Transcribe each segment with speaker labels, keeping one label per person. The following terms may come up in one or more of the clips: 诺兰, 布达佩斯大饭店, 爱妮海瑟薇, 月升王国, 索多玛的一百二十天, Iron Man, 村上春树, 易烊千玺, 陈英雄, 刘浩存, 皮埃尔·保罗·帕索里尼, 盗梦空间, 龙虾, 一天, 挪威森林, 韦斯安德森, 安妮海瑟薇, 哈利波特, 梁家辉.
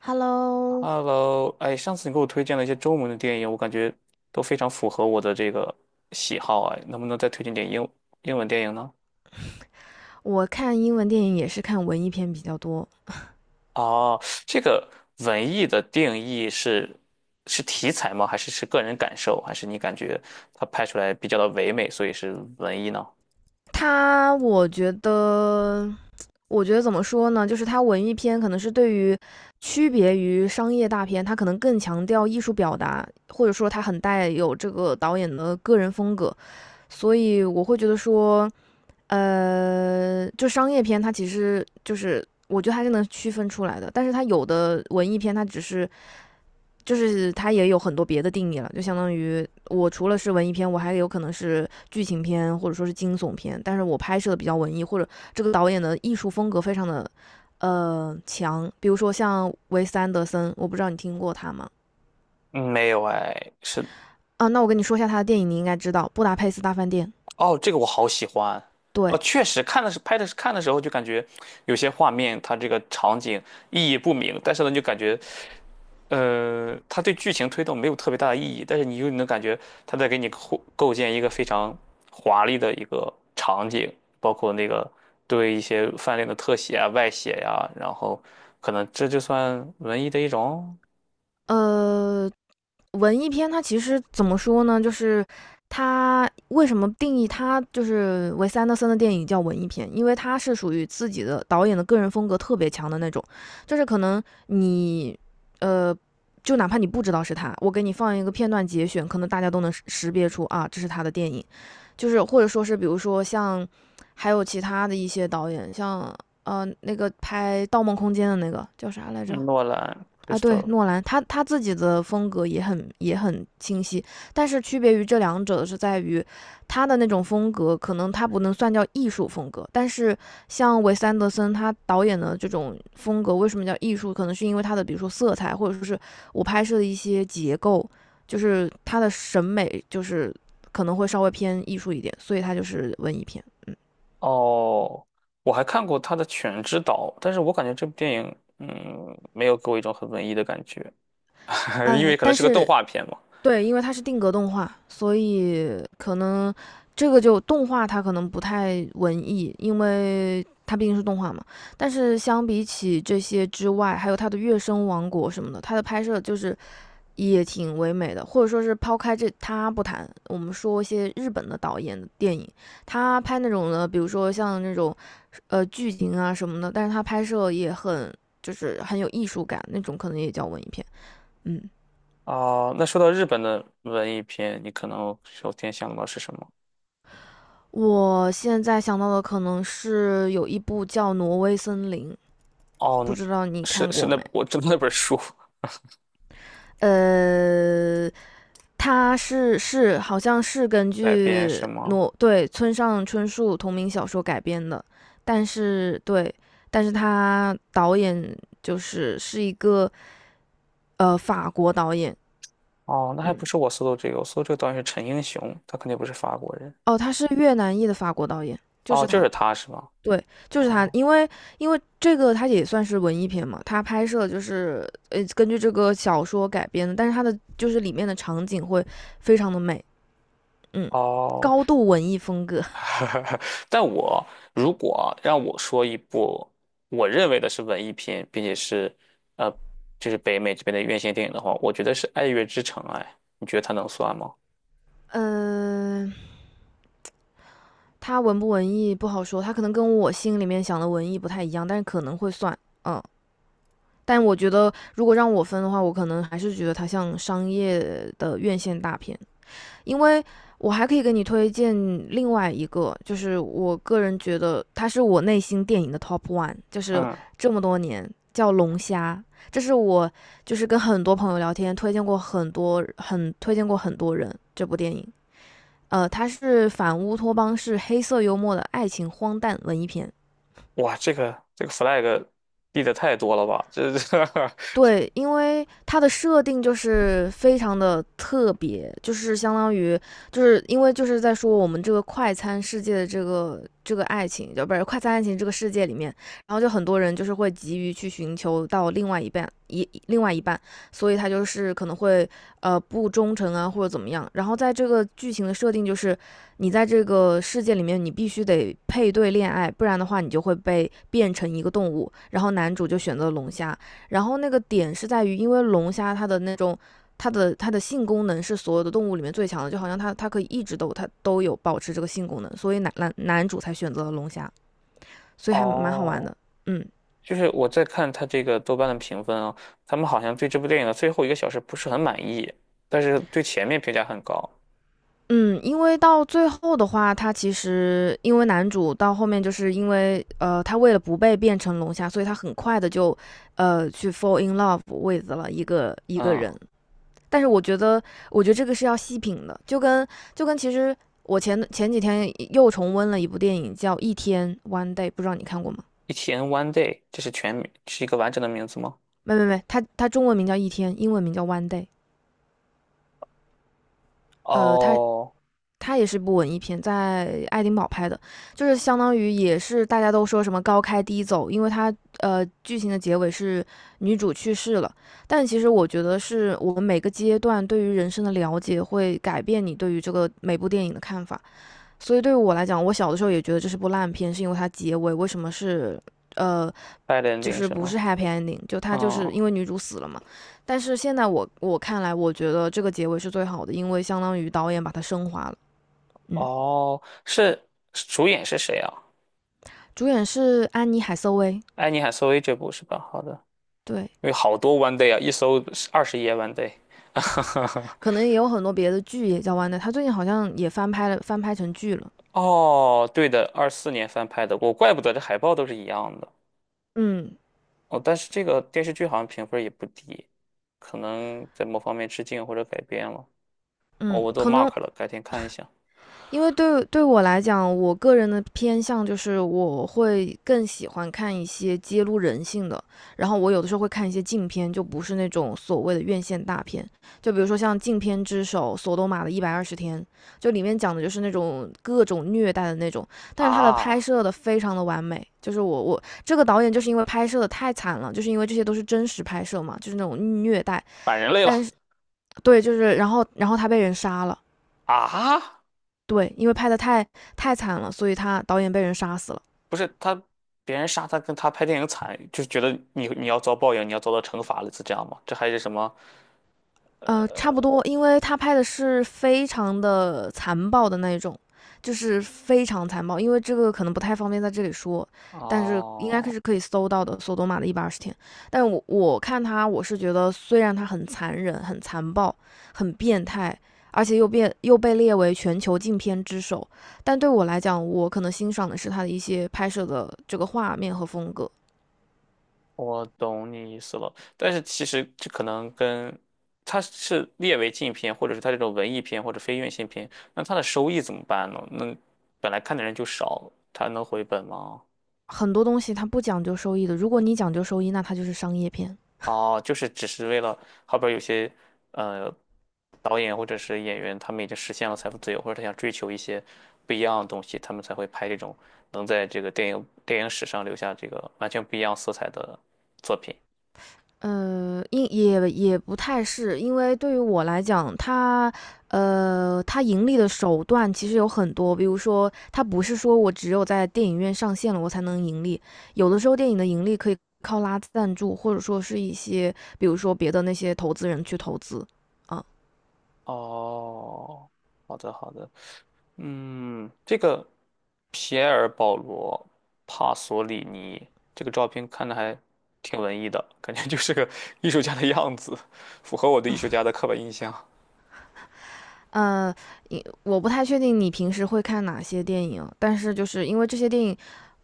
Speaker 1: Hello，
Speaker 2: Hello,哎，上次你给我推荐了一些中文的电影，我感觉都非常符合我的这个喜好啊，能不能再推荐点英文电影呢？
Speaker 1: 我看英文电影也是看文艺片比较多。
Speaker 2: 哦，这个文艺的定义是是题材吗？还是个人感受？还是你感觉它拍出来比较的唯美，所以是文艺呢？
Speaker 1: 它，我觉得，我觉得怎么说呢？就是它文艺片可能是对于区别于商业大片，它可能更强调艺术表达，或者说它很带有这个导演的个人风格。所以我会觉得说，就商业片它其实就是。我觉得还是能区分出来的，但是它有的文艺片，它只是就是它也有很多别的定义了，就相当于我除了是文艺片，我还有可能是剧情片或者说是惊悚片，但是我拍摄的比较文艺，或者这个导演的艺术风格非常的强，比如说像维斯安德森，我不知道你听过他吗？
Speaker 2: 嗯没有哎，是。
Speaker 1: 啊，那我跟你说一下他的电影，你应该知道《布达佩斯大饭店》。
Speaker 2: 哦，这个我好喜欢。哦，
Speaker 1: 对。
Speaker 2: 确实看的是拍的是看的时候就感觉有些画面，它这个场景意义不明，但是呢，就感觉他对剧情推动没有特别大的意义，但是你又能感觉他在给你构建一个非常华丽的一个场景，包括那个对一些饭店的特写啊、外写呀、然后可能这就算文艺的一种。
Speaker 1: 呃，文艺片它其实怎么说呢？就是它为什么定义它就是维斯安德森的电影叫文艺片？因为它是属于自己的导演的个人风格特别强的那种，就是可能你呃，就哪怕你不知道是他，我给你放一个片段节选，可能大家都能识别出啊，这是他的电影。就是或者说是比如说像还有其他的一些导演，像那个拍《盗梦空间》的那个叫啥来着？
Speaker 2: 嗯，诺兰
Speaker 1: 啊，对，
Speaker 2: Crystal。
Speaker 1: 诺兰他自己的风格也很清晰，但是区别于这两者的是在于，他的那种风格可能他不能算叫艺术风格，但是像韦斯安德森他导演的这种风格为什么叫艺术？可能是因为他的比如说色彩，或者说是我拍摄的一些结构，就是他的审美就是可能会稍微偏艺术一点，所以他就是文艺片，嗯。
Speaker 2: 哦，我还看过他的《犬之岛》，但是我感觉这部电影嗯没有给我一种很文艺的感觉，因为可能
Speaker 1: 但
Speaker 2: 是个动
Speaker 1: 是
Speaker 2: 画片嘛。
Speaker 1: 对，因为它是定格动画，所以可能这个就动画它可能不太文艺，因为它毕竟是动画嘛。但是相比起这些之外，还有它的《月升王国》什么的，它的拍摄就是也挺唯美的，或者说是抛开这它不谈，我们说一些日本的导演的电影，他拍那种的，比如说像那种剧情啊什么的，但是他拍摄也很就是很有艺术感，那种可能也叫文艺片，嗯。
Speaker 2: 啊、那说到日本的文艺片，你可能首先想到的是什么？
Speaker 1: 我现在想到的可能是有一部叫《挪威森林》，不
Speaker 2: 哦，
Speaker 1: 知道你
Speaker 2: 是
Speaker 1: 看
Speaker 2: 是
Speaker 1: 过
Speaker 2: 那
Speaker 1: 没？
Speaker 2: 我知道那本书。
Speaker 1: 呃，它是好像是根
Speaker 2: 改编
Speaker 1: 据
Speaker 2: 是吗？
Speaker 1: 哦对村上春树同名小说改编的，但是对，但是他导演就是是一个法国导演，
Speaker 2: 哦，那还
Speaker 1: 嗯，
Speaker 2: 不是我搜的这个，我搜这个导演是陈英雄，他肯定不是法国人。
Speaker 1: 哦，他是越南裔的法国导演，就
Speaker 2: 哦，
Speaker 1: 是
Speaker 2: 就
Speaker 1: 他，
Speaker 2: 是他是吗？
Speaker 1: 对，就是他，
Speaker 2: 哦
Speaker 1: 因为这个它也算是文艺片嘛，它拍摄就是根据这个小说改编的，但是它的就是里面的场景会非常的美，嗯，
Speaker 2: 哦。
Speaker 1: 高度文艺风格，
Speaker 2: 但我如果让我说一部我认为的是文艺片，并且是呃，就是北美这边的院线电影的话，我觉得是《爱乐之城》。哎，你觉得它能算吗？
Speaker 1: 嗯、呃它文不文艺不好说，它可能跟我心里面想的文艺不太一样，但是可能会算，嗯，但我觉得如果让我分的话，我可能还是觉得它像商业的院线大片，因为我还可以给你推荐另外一个，就是我个人觉得它是我内心电影的 top one，就是
Speaker 2: 嗯。
Speaker 1: 这么多年叫《龙虾》，这是我就是跟很多朋友聊天推荐过很多人这部电影。它是反乌托邦式黑色幽默的爱情荒诞文艺片，
Speaker 2: 哇，这个这个 flag 立的太多了吧？
Speaker 1: 对，因为它的设定就是非常的特别，就是相当于，就是因为就是在说我们这个快餐世界的这个爱情，就不是快餐爱情这个世界里面，然后就很多人就是会急于去寻求到另外一半，所以他就是可能会不忠诚啊或者怎么样。然后在这个剧情的设定就是，你在这个世界里面你必须得配对恋爱，不然的话你就会被变成一个动物。然后男主就选择龙虾，然后那个点是在于，因为龙虾它的那种它的它的性功能是所有的动物里面最强的，就好像它可以一直都它都有保持这个性功能，所以男主才选择了龙虾，所以还蛮好玩
Speaker 2: 哦，
Speaker 1: 的。嗯
Speaker 2: 就是我在看他这个豆瓣的评分啊，他们好像对这部电影的最后一个小时不是很满意，但是对前面评价很高。
Speaker 1: 嗯，因为到最后的话，他其实因为男主到后面就是因为他为了不被变成龙虾，所以他很快的就去 fall in love with 了一个
Speaker 2: 嗯
Speaker 1: 人，但是我觉得，我觉得这个是要细品的，就跟其实我前几天又重温了一部电影叫《一天》（One Day），不知道你看过吗？
Speaker 2: ，E.T. n One Day,这是全名，是一个完整的名字吗？
Speaker 1: 没没没，它中文名叫《一天》，英文名叫《One Day》。呃，它
Speaker 2: 哦
Speaker 1: 它也是部文艺片，在爱丁堡拍的，就是相当于也是大家都说什么高开低走，因为它剧情的结尾是女主去世了，但其实我觉得是我们每个阶段对于人生的了解会改变你对于这个每部电影的看法。所以对于我来讲，我小的时候也觉得这是部烂片，是因为它结尾为什么是呃，
Speaker 2: ，Bad
Speaker 1: 就
Speaker 2: Ending
Speaker 1: 是
Speaker 2: 什
Speaker 1: 不是
Speaker 2: 么？
Speaker 1: happy ending，就它就
Speaker 2: 嗯。
Speaker 1: 是因为女主死了嘛。但是现在我看来，我觉得这个结尾是最好的，因为相当于导演把它升华了。嗯，
Speaker 2: 哦，是主演是谁啊？
Speaker 1: 主演是安妮海瑟薇，
Speaker 2: 爱妮海瑟薇这部是吧？好的，
Speaker 1: 对，
Speaker 2: 有好多 One Day 啊，一搜20页 One Day。
Speaker 1: 可能也有很多别的剧也叫完的《o n e 她最近好像也翻拍了，翻拍成剧了。
Speaker 2: 哦，对的，2024年翻拍的，我怪不得这海报都是一样的。
Speaker 1: 嗯
Speaker 2: 哦，但是这个电视剧好像评分也不低，可能在某方面致敬或者改编了。哦，
Speaker 1: 嗯，
Speaker 2: 我都
Speaker 1: 可能
Speaker 2: mark 了，改天看一下。
Speaker 1: 因为对，对我来讲，我个人的偏向就是我会更喜欢看一些揭露人性的，然后我有的时候会看一些禁片，就不是那种所谓的院线大片，就比如说像《禁片之首》《索多玛的一百二十天》，就里面讲的就是那种各种虐待的那种，但是他的拍
Speaker 2: 啊，
Speaker 1: 摄的非常的完美，就是我这个导演就是因为拍摄的太惨了，就是因为这些都是真实拍摄嘛，就是那种虐待，
Speaker 2: 反人类
Speaker 1: 但
Speaker 2: 了。
Speaker 1: 是对，就是然后他被人杀了。
Speaker 2: 啊！
Speaker 1: 对，因为拍的太惨了，所以他导演被人杀死了。
Speaker 2: 不是他，别人杀他跟他拍电影惨，就是觉得你要遭报应，你要遭到惩罚了，是这样吗？这还是什么？
Speaker 1: 呃，差不多，因为他拍的是非常的残暴的那种，就是非常残暴。因为这个可能不太方便在这里说，但是应该
Speaker 2: 哦。
Speaker 1: 是可以搜到的《索多玛的一百二十天》。但我看他，我是觉得虽然他很残忍、很残暴、很变态，而且又被列为全球禁片之首，但对我来讲，我可能欣赏的是他的一些拍摄的这个画面和风格。
Speaker 2: 我懂你意思了，但是其实这可能跟它是列为禁片，或者是它这种文艺片或者非院线片，那它的收益怎么办呢？那本来看的人就少，它能回本吗？
Speaker 1: 很多东西它不讲究收益的，如果你讲究收益，那它就是商业片。
Speaker 2: 哦，就是只是为了，后边有些呃导演或者是演员，他们已经实现了财富自由，或者他想追求一些不一样的东西，他们才会拍这种能在这个电影史上留下这个完全不一样色彩的作品。
Speaker 1: 也不太是，因为对于我来讲，它它盈利的手段其实有很多，比如说，它不是说我只有在电影院上线了我才能盈利，有的时候电影的盈利可以靠拉赞助，或者说是一些，比如说别的那些投资人去投资，啊。
Speaker 2: 哦，好的好的。嗯，这个皮埃尔·保罗·帕索里尼这个照片看着还挺文艺的，感觉就 是个艺术家的样子，符合我对艺术家的刻板印象。
Speaker 1: 呃，我不太确定你平时会看哪些电影，但是就是因为这些电影，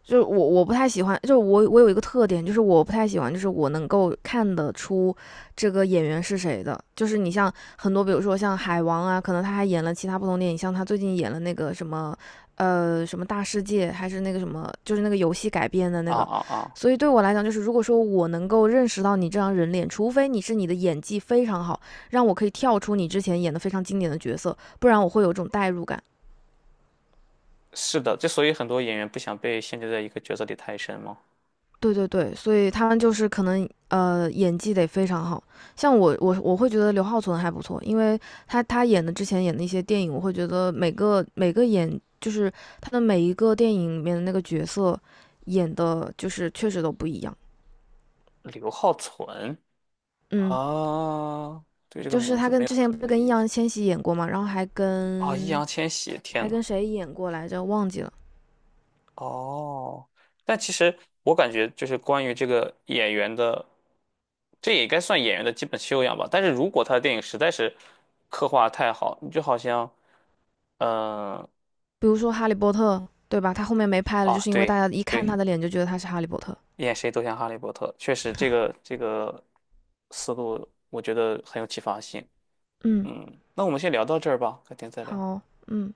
Speaker 1: 就是我不太喜欢，就是我有一个特点，就是我不太喜欢，就是我能够看得出这个演员是谁的。就是你像很多，比如说像海王啊，可能他还演了其他不同电影，像他最近演了那个什么。什么大世界，还是那个什么，就是那个游戏改编的那
Speaker 2: 啊
Speaker 1: 个，
Speaker 2: 啊啊！
Speaker 1: 所以对我来讲，就是如果说我能够认识到你这张人脸，除非你是你的演技非常好，让我可以跳出你之前演的非常经典的角色，不然我会有一种代入感。
Speaker 2: 是的，之所以很多演员不想被限制在一个角色里太深嘛。
Speaker 1: 对对对，所以他们就是可能演技得非常好，像我会觉得刘浩存还不错，因为他之前演的一些电影，我会觉得每个演就是他的每一个电影里面的那个角色演的就是确实都不一样，
Speaker 2: 刘浩存。
Speaker 1: 嗯，
Speaker 2: 啊，对这个
Speaker 1: 就是
Speaker 2: 名
Speaker 1: 他
Speaker 2: 字没
Speaker 1: 跟
Speaker 2: 有
Speaker 1: 之前
Speaker 2: 特
Speaker 1: 不
Speaker 2: 别
Speaker 1: 是
Speaker 2: 的
Speaker 1: 跟易
Speaker 2: 印象。
Speaker 1: 烊千玺演过嘛，然后还
Speaker 2: 啊，易烊
Speaker 1: 跟
Speaker 2: 千玺，天
Speaker 1: 还
Speaker 2: 呐。
Speaker 1: 跟谁演过来着忘记了，
Speaker 2: 哦，但其实我感觉就是关于这个演员的，这也该算演员的基本修养吧。但是如果他的电影实在是刻画太好，你就好像，嗯、
Speaker 1: 比如说《哈利波特》，对吧？他后面没拍了，就
Speaker 2: 啊，
Speaker 1: 是因为大
Speaker 2: 对
Speaker 1: 家一看他
Speaker 2: 对，
Speaker 1: 的脸就觉得他是哈利波特。
Speaker 2: 演谁都像哈利波特，确实这个这个思路我觉得很有启发性。
Speaker 1: 嗯，
Speaker 2: 嗯，那我们先聊到这儿吧，改天再聊。
Speaker 1: 好，嗯。